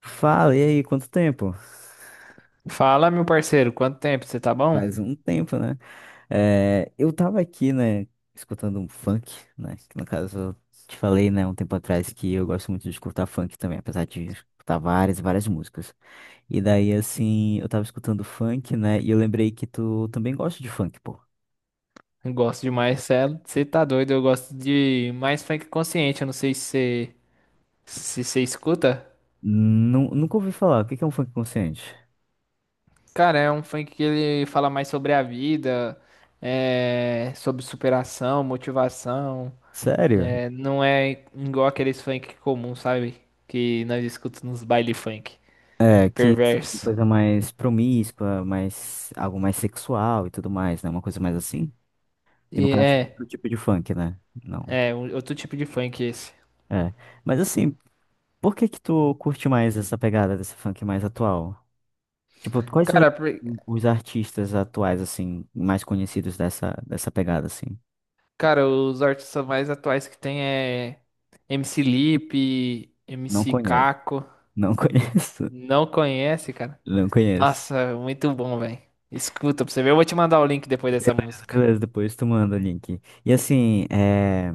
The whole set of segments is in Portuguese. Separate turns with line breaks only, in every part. Fala, e aí, quanto tempo?
Fala, meu parceiro, quanto tempo? Você tá bom?
Faz um tempo, né? É, eu tava aqui, né, escutando um funk, né? Que no caso, eu te falei, né, um tempo atrás que eu gosto muito de escutar funk também, apesar de escutar várias músicas. E daí, assim, eu tava escutando funk, né, e eu lembrei que tu também gosta de funk, pô.
Eu gosto demais, Celo. Você tá doido? Eu gosto de mais funk consciente. Eu não sei se você se você escuta.
Nunca ouvi falar, o que que é um funk consciente?
Cara, é um funk que ele fala mais sobre a vida, sobre superação, motivação.
Sério?
É, não é igual aqueles funk comum, sabe? Que nós escutamos nos baile funk.
É, que assim,
Perverso.
coisa mais promíscua, mais, algo mais sexual e tudo mais, né? Uma coisa mais assim? Que
E
no caso é
é,
outro tipo de funk, né? Não.
outro tipo de funk esse.
É. Mas assim, por que que tu curte mais essa pegada desse funk mais atual? Tipo, quais são
Cara, por-
os artistas atuais, assim, mais conhecidos dessa pegada, assim?
Cara, os artistas mais atuais que tem é MC Lipe,
Não
MC
conheço.
Caco.
Não conheço.
Não conhece, cara?
Não conheço.
Nossa, muito bom, velho. Escuta pra você ver. Eu vou te mandar o link depois dessa
Beleza,
música.
beleza, depois tu manda o link. E assim, é.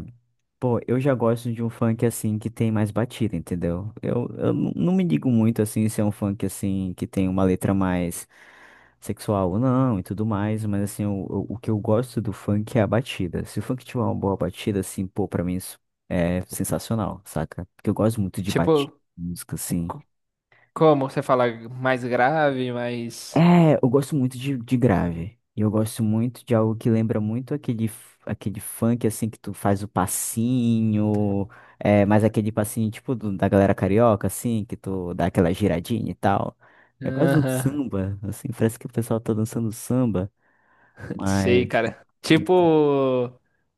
Pô, eu já gosto de um funk assim que tem mais batida, entendeu? Eu não me digo muito assim se é um funk assim que tem uma letra mais sexual ou não e tudo mais, mas assim, o que eu gosto do funk é a batida. Se o funk tiver uma boa batida, assim, pô, pra mim isso é sensacional, saca? Porque eu gosto muito de batida,
Tipo,
música, assim.
c- como você fala mais grave, mais.
É, eu gosto muito de grave. E eu gosto muito de algo que lembra muito aquele, aquele funk, assim, que tu faz o passinho, é, mas aquele passinho tipo da galera carioca, assim, que tu dá aquela giradinha e tal. É quase um
Aham,
samba, assim, parece que o pessoal tá dançando samba,
sei,
mas...
cara. Tipo,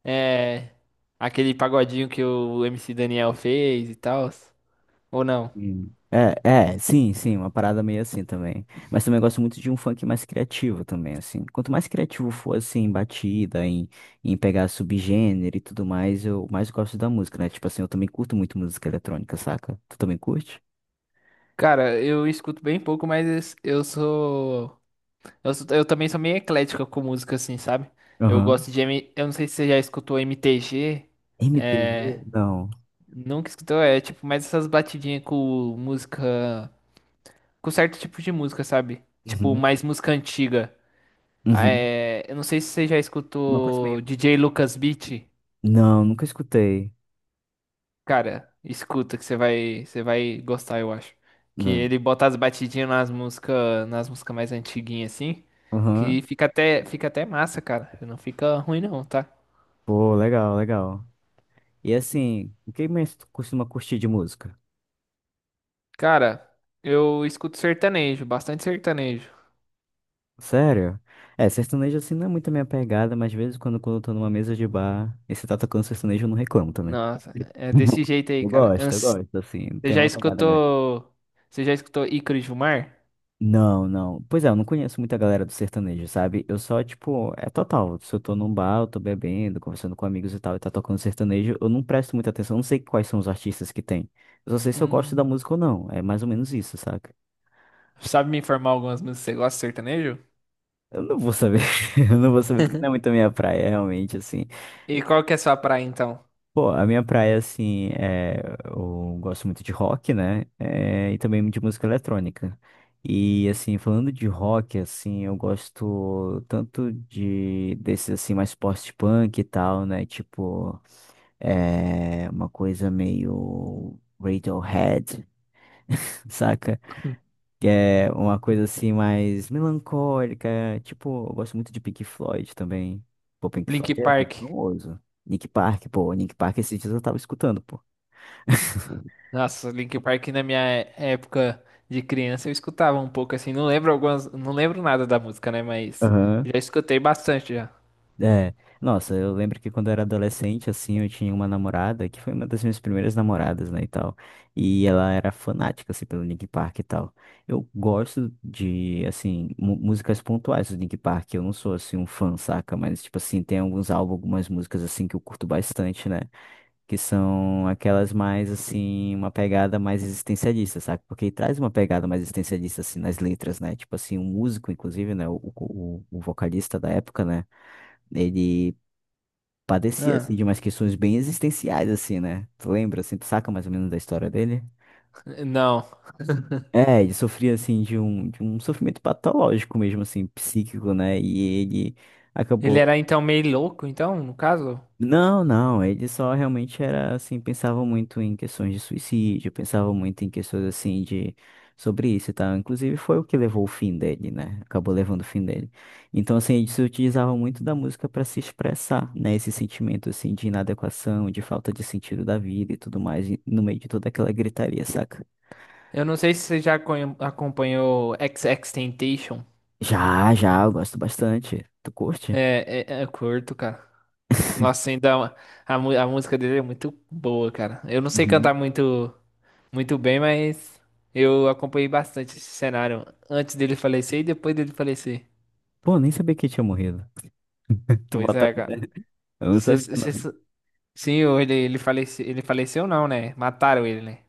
é. Aquele pagodinho que o MC Daniel fez e tal. Ou não?
Hum. É, é, sim, sim, uma parada meio assim também. Mas também eu gosto muito de um funk mais criativo também, assim. Quanto mais criativo for, assim, em batida, em pegar subgênero e tudo mais, eu mais gosto da música, né? Tipo assim, eu também curto muito música eletrônica, saca? Tu também curte?
Cara, eu escuto bem pouco, mas eu sou. Eu também sou meio eclético com música, assim, sabe? Eu
Aham.
gosto de. Eu não sei se você já escutou MTG.
MPB?
É.
Não.
Nunca escutou, é tipo mais essas batidinhas com música. Com certo tipo de música, sabe? Tipo,
Uhum.
mais música antiga.
Uhum.
É, eu não sei se você já
Uma coisa
escutou
meio.
DJ Lucas Beat.
Não, nunca escutei.
Cara, escuta que você vai gostar, eu acho. Que
Não.
ele bota as batidinhas nas músicas mais antiguinhas, assim. Que
Aham.
fica até massa, cara. Não fica ruim, não, tá?
Pô, legal, legal. E assim, o que mais tu costuma curtir de música?
Cara, eu escuto sertanejo, bastante sertanejo.
Sério? É, sertanejo assim não é muito a minha pegada, mas às vezes quando eu tô numa mesa de bar e você tá tocando sertanejo, eu não reclamo também.
Nossa, é desse jeito aí, cara.
Eu gosto, assim,
Você
tem
já
uma pegada legal.
escutou? Você já escutou Ícaro e Gilmar?
Não, não. Pois é, eu não conheço muita galera do sertanejo, sabe? Eu só, tipo, é total. Se eu tô num bar, eu tô bebendo, conversando com amigos e tal, e tá tocando sertanejo, eu não presto muita atenção, eu não sei quais são os artistas que tem. Eu só sei se eu gosto da
Hum.
música ou não. É mais ou menos isso, saca?
Sabe me informar algumas músicas? Você gosta de sertanejo?
Eu não vou saber. Eu não vou saber porque não é muito a minha praia, realmente, assim.
E qual que é a sua praia então?
Pô, a minha praia, assim, é, eu gosto muito de rock, né? É, e também de música eletrônica. E, assim, falando de rock, assim, eu gosto tanto de desses, assim, mais post-punk e tal, né? Tipo, é, uma coisa meio Radiohead, saca? Que é uma coisa, assim, mais melancólica. Tipo, eu gosto muito de Pink Floyd também. Pô, Pink Floyd
Link
é bem
Park.
famoso. Nick Park, pô, Nick Park esses dias eu tava escutando, pô.
Nossa, Link Park na minha época de criança eu escutava um pouco assim, não lembro algumas, não lembro nada da música, né, mas
Aham.
já escutei bastante já.
É. Nossa, eu lembro que quando eu era adolescente, assim, eu tinha uma namorada que foi uma das minhas primeiras namoradas, né, e tal. E ela era fanática, assim, pelo Linkin Park e tal. Eu gosto de, assim, músicas pontuais do Linkin Park. Eu não sou, assim, um fã, saca? Mas, tipo assim, tem alguns álbuns, algumas músicas, assim, que eu curto bastante, né? Que são aquelas mais, assim, uma pegada mais existencialista, saca? Porque traz uma pegada mais existencialista, assim, nas letras, né? Tipo assim, um músico, inclusive, né, o vocalista da época, né? Ele padecia,
Ah,
assim, de umas questões bem existenciais, assim, né? Tu lembra, assim, tu saca mais ou menos da história dele?
não.
É, ele sofria, assim, de um sofrimento patológico mesmo, assim, psíquico, né? E ele
Ele
acabou.
era então meio louco, então, no caso?
Não, não, ele só realmente era assim, pensava muito em questões de suicídio, pensava muito em questões assim de sobre isso e tal. Inclusive foi o que levou o fim dele, né? Acabou levando o fim dele. Então assim, ele se utilizava muito da música para se expressar, né? Esse sentimento assim de inadequação, de falta de sentido da vida e tudo mais, e no meio de toda aquela gritaria, saca?
Eu não sei se você já acompanhou XXXTentacion.
Já, já, eu gosto bastante. Tu curte?
É curto, cara. Nossa, ainda a música dele é muito boa, cara. Eu não sei cantar
Uhum.
muito, muito bem, mas eu acompanhei bastante esse cenário antes dele falecer e depois dele falecer.
Pô, nem sabia que ele tinha morrido. Tu
Pois
bota.
é, cara.
Eu não
Se-
sabia,
se-
não.
se- Sim, falece, ele faleceu, não, né? Mataram ele, né?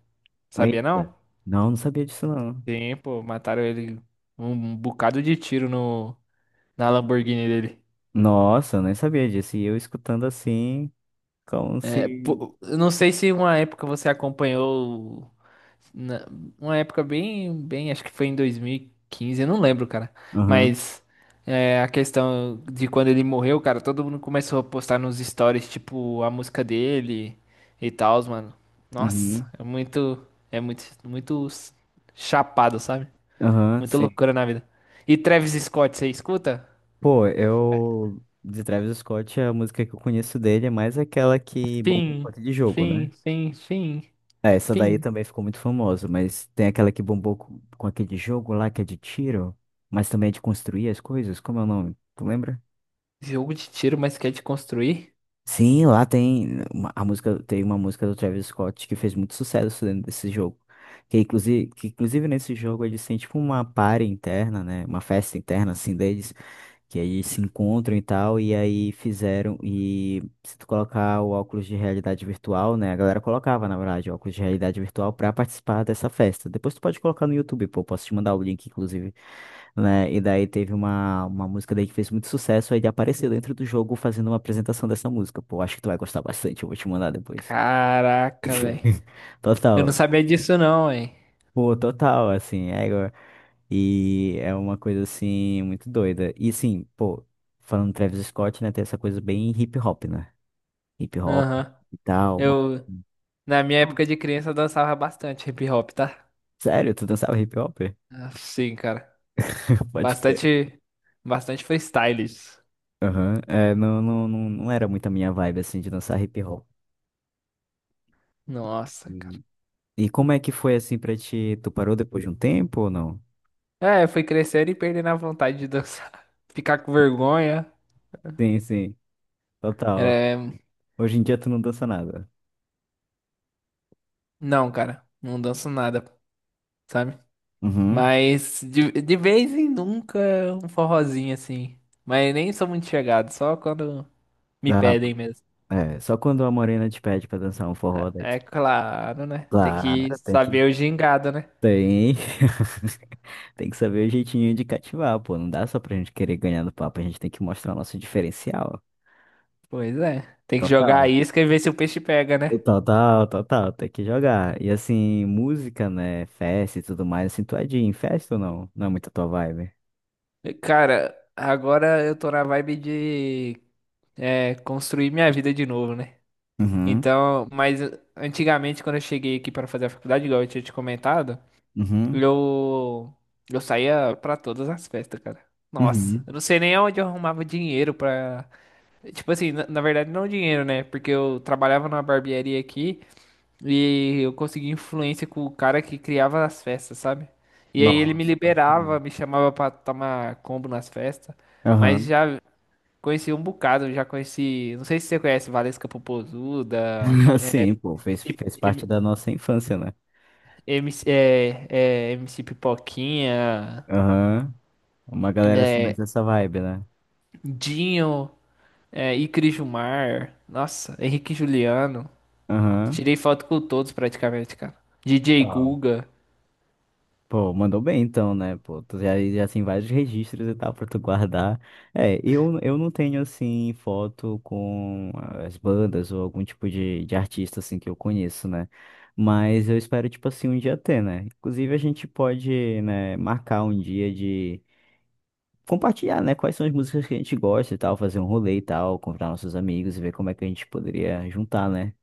Sabia
Eita.
não?
Não, não sabia disso, não.
Sim, pô, mataram ele um bocado de tiro no, na Lamborghini dele.
Nossa, eu nem sabia disso. E eu escutando assim, como se.
Pô, eu não sei se uma época você acompanhou, na- uma época bem, acho que foi em 2015, eu não lembro, cara.
Aham,
Mas é, a questão de quando ele morreu, cara, todo mundo começou a postar nos stories, tipo, a música dele e tal, mano. Nossa,
uhum,
é muito, muito chapado, sabe?
aham,
Muita
sim.
loucura na vida. E Travis Scott, você escuta?
Pô, eu. De Travis Scott, a música que eu conheço dele é mais aquela que bombou com
Fim,
aquele jogo, né?
fim, fim, fim,
É, essa daí
fim.
também ficou muito famosa, mas tem aquela que bombou com aquele jogo lá que é de tiro, mas também é de construir as coisas. Como é o nome? Tu lembra?
Jogo de tiro, mas quer te construir?
Sim, lá tem a música, tem uma música do Travis Scott que fez muito sucesso dentro desse jogo. Que inclusive nesse jogo eles têm tipo uma party interna, né? Uma festa interna assim deles, que aí se encontram e tal, e aí fizeram e se tu colocar o óculos de realidade virtual, né? A galera colocava, na verdade, óculos de realidade virtual pra participar dessa festa. Depois tu pode colocar no YouTube, pô, posso te mandar o link, inclusive, né? E daí teve uma música daí que fez muito sucesso, aí ele apareceu dentro do jogo fazendo uma apresentação dessa música. Pô, acho que tu vai gostar bastante, eu vou te mandar depois.
Caraca, velho. Eu não
Total.
sabia disso não, hein?
Pô, total, assim, é igual- e é uma coisa assim muito doida. E sim, pô, falando do Travis Scott, né, tem essa coisa bem hip hop, né? Hip hop
Aham.
e tal. Uma...
Eu, na minha
Hum.
época de criança, eu dançava bastante hip hop, tá?
Sério, tu dançava hip hop?
Sim, cara.
Pode crer.
Bastante, bastante freestyles.
Aham. É, não era muito a minha vibe, assim, de dançar hip hop.
Nossa, cara.
E, e como é que foi, assim, pra ti? Tu parou depois de um tempo ou não?
É, eu fui crescendo e perdendo a vontade de dançar. Ficar com vergonha.
Sim, sim, total.
É...
Hoje em dia tu não dança nada.
Não, cara. Não danço nada, sabe?
Uhum.
Mas de vez em nunca um forrozinho assim. Mas nem sou muito chegado, só quando me
Ah,
pedem mesmo.
é, só quando a morena te pede pra dançar um forró, daí
É
tu...
claro, né? Tem que
Claro, tem que...
saber o gingado, né?
Tem. Tem que saber o jeitinho de cativar, pô. Não dá só pra gente querer ganhar no papo, a gente tem que mostrar o nosso diferencial.
Pois é. Tem que jogar a
Total.
isca e ver se o peixe pega, né?
Total, total, tem que jogar. E assim, música, né? Festa e tudo mais, assim, tu é de ir em festa ou não? Não é muito a tua vibe.
Cara, agora eu tô na vibe de construir minha vida de novo, né?
Uhum,
Então, mas antigamente, quando eu cheguei aqui para fazer a faculdade, igual eu tinha te comentado,
uhum,
eu, eu saía pra todas as festas, cara. Nossa,
uhum.
eu não sei nem onde eu arrumava dinheiro pra. Tipo assim, na verdade, não dinheiro, né? Porque eu trabalhava numa barbearia aqui. E eu consegui influência com o cara que criava as festas, sabe? E aí ele me
Nossa, pode crer.
liberava, me chamava pra tomar combo nas festas. Mas
Aham.
já conheci um bocado, já conheci. Não sei se você conhece Valesca Popozuda,
Sim, pô, fez, fez parte
M-
da nossa infância, né?
MC, MC Pipoquinha,
Aham. Uma galera assim, mais
é,
dessa vibe, né?
Dinho, Icri Jumar, nossa, Henrique Juliano.
Aham.
Tirei foto com todos praticamente, cara. DJ Guga.
Pô, mandou bem então, né? Pô, tu já, já tem vários registros e tal pra tu guardar. É, eu não tenho, assim, foto com as bandas ou algum tipo de artista, assim, que eu conheço, né? Mas eu espero, tipo assim, um dia ter, né? Inclusive, a gente pode, né, marcar um dia de compartilhar, né? Quais são as músicas que a gente gosta e tal, fazer um rolê e tal, convidar nossos amigos e ver como é que a gente poderia juntar, né?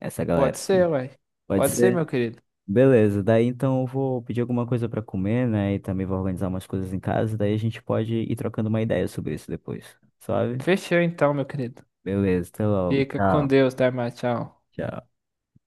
Essa
Pode
galera, assim.
ser, ué.
Pode
Pode ser,
ser.
meu querido.
Beleza, daí então eu vou pedir alguma coisa pra comer, né? E também vou organizar umas coisas em casa, daí a gente pode ir trocando uma ideia sobre isso depois, sabe?
Fechou então, meu querido.
Beleza, até logo.
Fica com
Tchau.
Deus, Dharma. Tchau.
Tchau.